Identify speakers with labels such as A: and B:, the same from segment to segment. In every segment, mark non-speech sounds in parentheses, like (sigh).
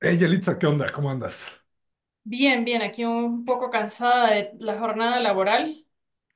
A: Hey, Yelitza, ¿qué onda? ¿Cómo andas?
B: Bien, bien, aquí un poco cansada de la jornada laboral,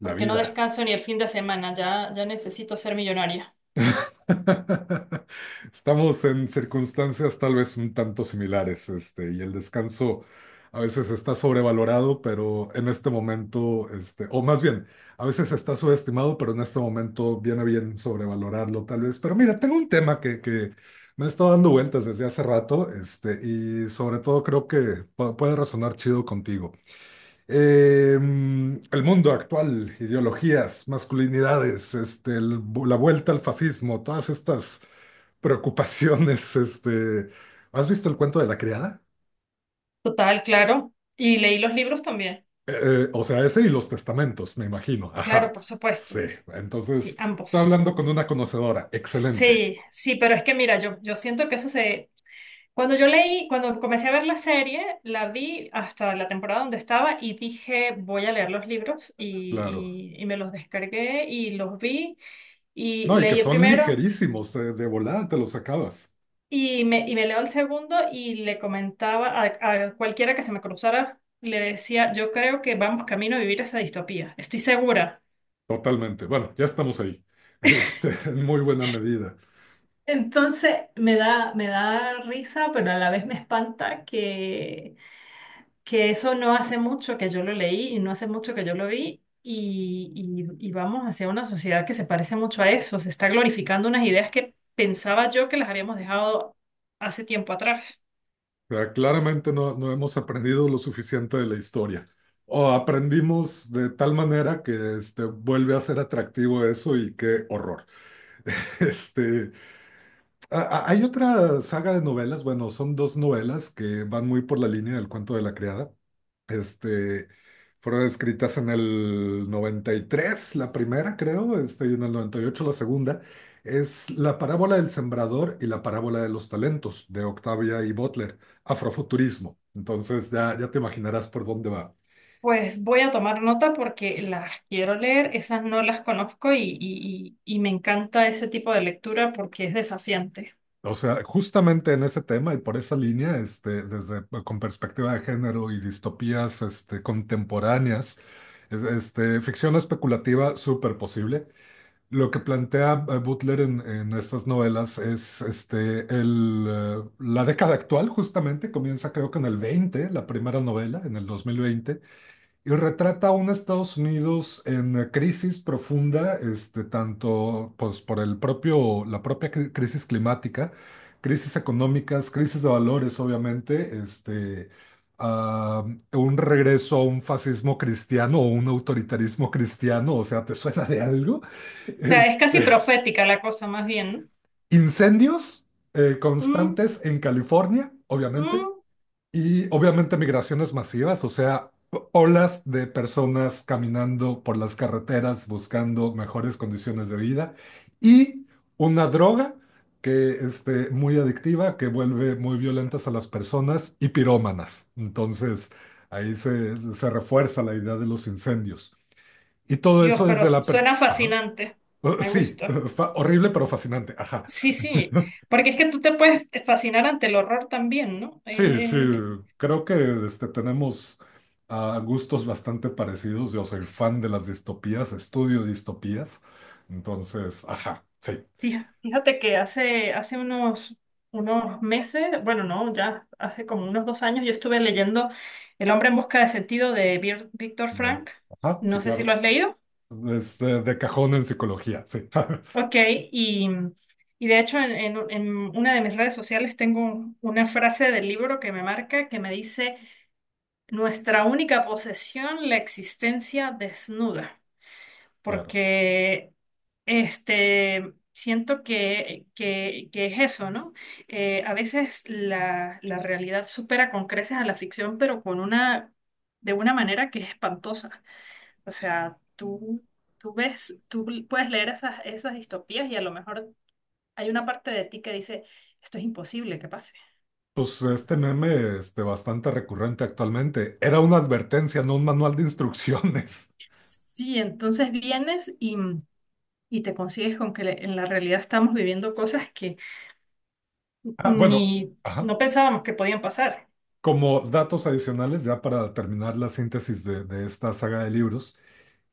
A: La
B: porque no
A: vida.
B: descanso ni el fin de semana, ya, ya necesito ser millonaria.
A: (laughs) Estamos en circunstancias tal vez un tanto similares, y el descanso a veces está sobrevalorado, pero en este momento, o más bien, a veces está subestimado, pero en este momento viene bien sobrevalorarlo tal vez. Pero mira, tengo un tema que me ha estado dando vueltas desde hace rato, y sobre todo creo que puede resonar chido contigo. El mundo actual, ideologías, masculinidades, la vuelta al fascismo, todas estas preocupaciones, (laughs) ¿has visto el cuento de la criada?
B: Total, claro. Y leí los libros también.
A: O sea, ese y los testamentos, me imagino.
B: Claro,
A: Ajá,
B: por
A: sí.
B: supuesto. Sí,
A: Entonces, está
B: ambos.
A: hablando con una conocedora. Excelente,
B: Sí, sí, pero es que mira, yo siento que eso se... Cuando yo leí, cuando comencé a ver la serie, la vi hasta la temporada donde estaba y dije, voy a leer los libros
A: claro.
B: y me los descargué y los vi y
A: No, y que
B: leí el
A: son
B: primero.
A: ligerísimos, de volada te los acabas.
B: Y me leo el segundo y le comentaba a cualquiera que se me cruzara, le decía, yo creo que vamos camino a vivir esa distopía, estoy segura.
A: Totalmente. Bueno, ya estamos ahí. (laughs) En muy buena medida.
B: Entonces me da risa, pero a la vez me espanta que eso no hace mucho que yo lo leí y no hace mucho que yo lo vi y vamos hacia una sociedad que se parece mucho a eso, se está glorificando unas ideas que pensaba yo que las habíamos dejado hace tiempo atrás.
A: O sea, claramente no, no hemos aprendido lo suficiente de la historia. O aprendimos de tal manera que vuelve a ser atractivo eso y qué horror. (laughs) Este, hay otra saga de novelas, bueno, son dos novelas que van muy por la línea del cuento de la criada. Este, fueron escritas en el 93 la primera creo, y en el 98 la segunda. Es La parábola del sembrador y la parábola de los talentos de Octavia y Butler, Afrofuturismo. Entonces ya, ya te imaginarás por dónde va.
B: Pues voy a tomar nota porque las quiero leer, esas no las conozco y me encanta ese tipo de lectura porque es desafiante.
A: O sea, justamente en ese tema y por esa línea, desde pues, con perspectiva de género y distopías, contemporáneas, ficción especulativa súper posible. Lo que plantea Butler en estas novelas es la década actual, justamente, comienza creo que en el 20 la primera novela, en el 2020. Y retrata a un Estados Unidos en crisis profunda, tanto pues, por el propio, la propia crisis climática, crisis económicas, crisis de valores, obviamente, ah, un regreso a un fascismo cristiano o un autoritarismo cristiano, o sea, ¿te suena de algo?
B: O sea, es
A: Este,
B: casi profética la cosa más bien.
A: incendios
B: ¿No?
A: constantes en California, obviamente.
B: Mm.
A: Y obviamente migraciones masivas, o sea, olas de personas caminando por las carreteras buscando mejores condiciones de vida y una droga que muy adictiva, que vuelve muy violentas a las personas y pirómanas. Entonces, ahí se refuerza la idea de los incendios. Y todo
B: Dios,
A: eso
B: pero
A: desde la
B: suena
A: Ajá.
B: fascinante, me
A: Sí,
B: gusta.
A: (laughs) horrible pero fascinante. Ajá.
B: Sí, sí,
A: (laughs)
B: porque es que tú te puedes fascinar ante el horror también, ¿no?
A: Sí, sí, creo que tenemos gustos bastante parecidos. Yo soy fan de las distopías, estudio distopías. Entonces, ajá, sí.
B: Fíjate que hace, hace unos meses, bueno, no, ya hace como unos 2 años, yo estuve leyendo El hombre en busca de sentido de Víctor
A: me-
B: Frank.
A: ajá, sí,
B: No sé si lo
A: claro.
B: has leído.
A: De cajón en psicología, sí. (laughs)
B: Ok, y, y de hecho en una de mis redes sociales tengo una frase del libro que me marca que me dice, nuestra única posesión, la existencia desnuda.
A: Claro.
B: Porque siento que es eso, ¿no? A veces la realidad supera con creces a la ficción, pero con una, de una manera que es espantosa. O sea, tú ves, tú puedes leer esas distopías y a lo mejor hay una parte de ti que dice, esto es imposible que pase.
A: Pues este meme, bastante recurrente actualmente. Era una advertencia, no un manual de instrucciones. (laughs)
B: Sí, entonces vienes y te consigues con que en la realidad estamos viviendo cosas que
A: Ah, bueno,
B: ni
A: ajá.
B: no pensábamos que podían pasar.
A: Como datos adicionales, ya para terminar la síntesis de esta saga de libros.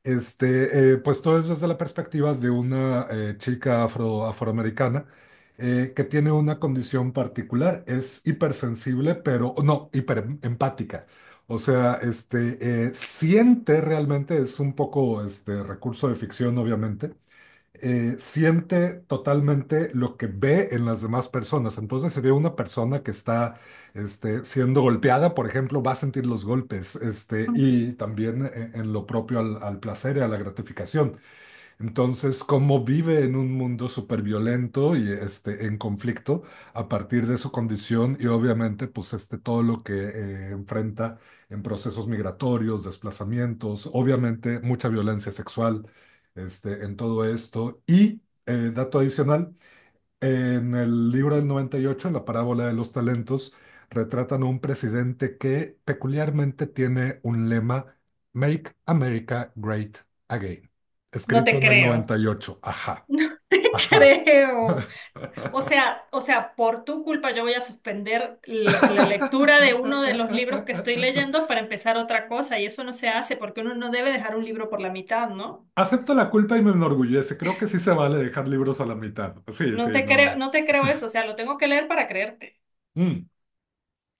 A: Pues todo es desde la perspectiva de una chica afro, afroamericana que tiene una condición particular, es hipersensible, pero no, hiperempática. O sea, siente realmente, es un poco este recurso de ficción, obviamente, siente totalmente lo que ve en las demás personas. Entonces, si ve una persona que está siendo golpeada, por ejemplo, va a sentir los golpes, y también en lo propio al placer y a la gratificación. Entonces, como vive en un mundo súper violento y en conflicto a partir de su condición y obviamente pues todo lo que enfrenta en procesos migratorios, desplazamientos, obviamente mucha violencia sexual en todo esto. Y dato adicional, en el libro del 98, en la parábola de los talentos, retratan a un presidente que peculiarmente tiene un lema, Make America Great Again,
B: No
A: escrito
B: te
A: en el
B: creo.
A: 98. Ajá,
B: (laughs) No te
A: ajá.
B: creo. O sea, por tu culpa yo voy a suspender la lectura de uno de los libros que estoy leyendo
A: (laughs)
B: para empezar otra cosa y eso no se hace porque uno no debe dejar un libro por la mitad, ¿no?
A: Acepto la culpa y me enorgullece. Creo que sí se vale dejar libros a la mitad. Sí, sí,
B: No te creo,
A: no.
B: no te creo eso, o sea, lo tengo que leer para creerte.
A: Mm.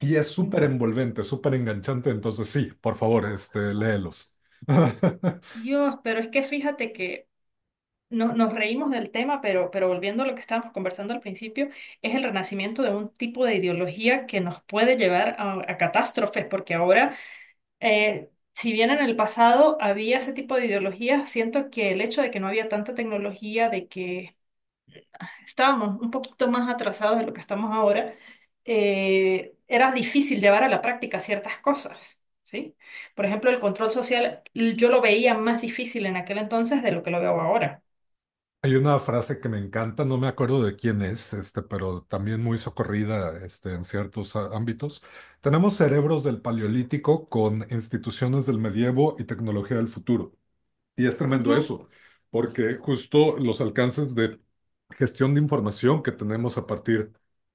A: Y es súper
B: Mm.
A: envolvente, súper enganchante. Entonces, sí, por favor, léelos. (laughs)
B: Dios, pero es que fíjate que nos reímos del tema, pero volviendo a lo que estábamos conversando al principio, es el renacimiento de un tipo de ideología que nos puede llevar a catástrofes, porque ahora si bien en el pasado había ese tipo de ideologías, siento que el hecho de que no había tanta tecnología, de que estábamos un poquito más atrasados de lo que estamos ahora, era difícil llevar a la práctica ciertas cosas, ¿sí? Por ejemplo, el control social yo lo veía más difícil en aquel entonces de lo que lo veo ahora.
A: Hay una frase que me encanta, no me acuerdo de quién es, pero también muy socorrida, en ciertos ámbitos. Tenemos cerebros del Paleolítico con instituciones del medievo y tecnología del futuro. Y es tremendo
B: Ujú.
A: eso, porque justo los alcances de gestión de información que tenemos a partir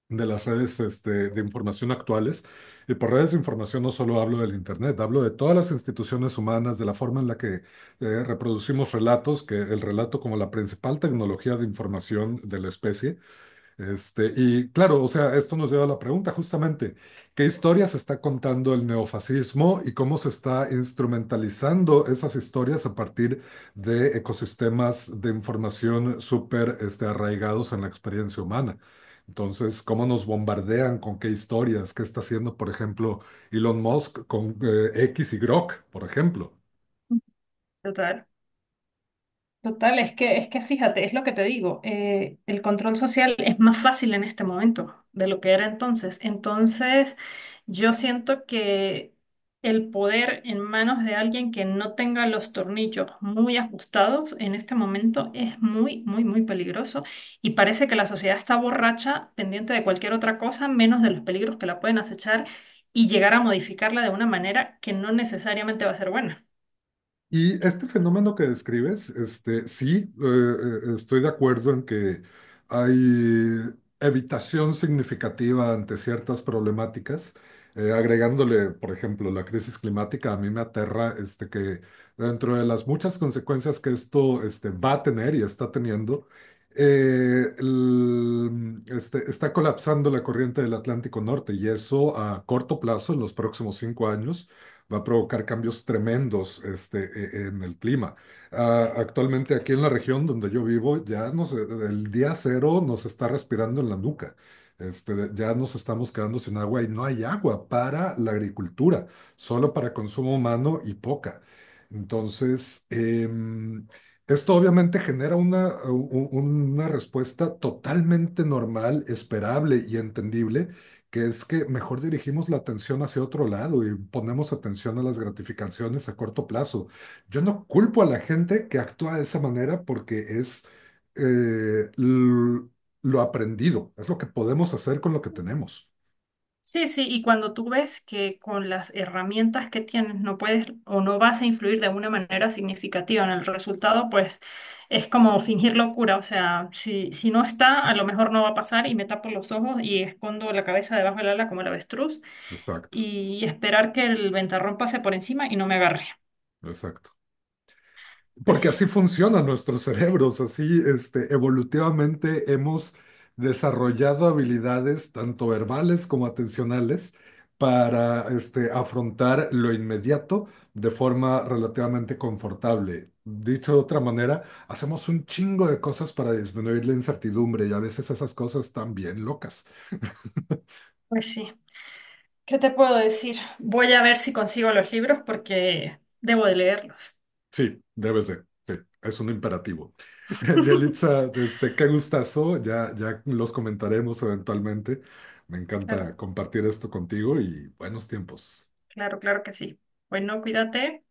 A: de las redes de información actuales, y por redes de información no solo hablo del Internet, hablo de todas las instituciones humanas, de la forma en la que reproducimos relatos, que el relato como la principal tecnología de información de la especie, y claro, o sea, esto nos lleva a la pregunta justamente, ¿qué historias está contando el neofascismo y cómo se está instrumentalizando esas historias a partir de ecosistemas de información súper arraigados en la experiencia humana? Entonces, ¿cómo nos bombardean? ¿Con qué historias? ¿Qué está haciendo, por ejemplo, Elon Musk con X y Grok, por ejemplo?
B: Total. Total, es que fíjate, es lo que te digo, el control social es más fácil en este momento de lo que era entonces. Entonces, yo siento que el poder en manos de alguien que no tenga los tornillos muy ajustados en este momento es muy, muy, muy peligroso y parece que la sociedad está borracha, pendiente de cualquier otra cosa, menos de los peligros que la pueden acechar y llegar a modificarla de una manera que no necesariamente va a ser buena.
A: Y este fenómeno que describes, sí, estoy de acuerdo en que hay evitación significativa ante ciertas problemáticas. Agregándole, por ejemplo, la crisis climática, a mí me aterra que dentro de las muchas consecuencias que esto va a tener y está teniendo, está colapsando la corriente del Atlántico Norte y eso a corto plazo, en los próximos 5 años va a provocar cambios tremendos en el clima. Ah, actualmente aquí en la región donde yo vivo, el día cero nos está respirando en la nuca. Ya nos estamos quedando sin agua y no hay agua para la agricultura, solo para consumo humano y poca. Entonces, esto obviamente genera una respuesta totalmente normal, esperable y entendible que es que mejor dirigimos la atención hacia otro lado y ponemos atención a las gratificaciones a corto plazo. Yo no culpo a la gente que actúa de esa manera porque es eh, l- lo aprendido, es lo que podemos hacer con lo que tenemos.
B: Sí, sí, y cuando tú ves que con las herramientas que tienes no puedes o no vas a influir de una manera significativa en el resultado, pues es como fingir locura, o sea, si, si no está, a lo mejor no va a pasar y me tapo los ojos y escondo la cabeza debajo del ala como el avestruz
A: Exacto,
B: y esperar que el ventarrón pase por encima y no me agarre.
A: exacto.
B: Pues
A: Porque
B: sí,
A: así funcionan nuestros cerebros, así evolutivamente hemos desarrollado habilidades tanto verbales como atencionales para afrontar lo inmediato de forma relativamente confortable. Dicho de otra manera, hacemos un chingo de cosas para disminuir la incertidumbre y a veces esas cosas están bien locas.
B: pues sí. ¿Qué te puedo decir? Voy a ver si consigo los libros porque debo de leerlos.
A: Sí, debes de. Sí, es un imperativo. (laughs)
B: (laughs)
A: Yelitza, qué gustazo. Ya, ya los comentaremos eventualmente. Me
B: Claro,
A: encanta compartir esto contigo y buenos tiempos.
B: claro, claro que sí. Bueno, cuídate.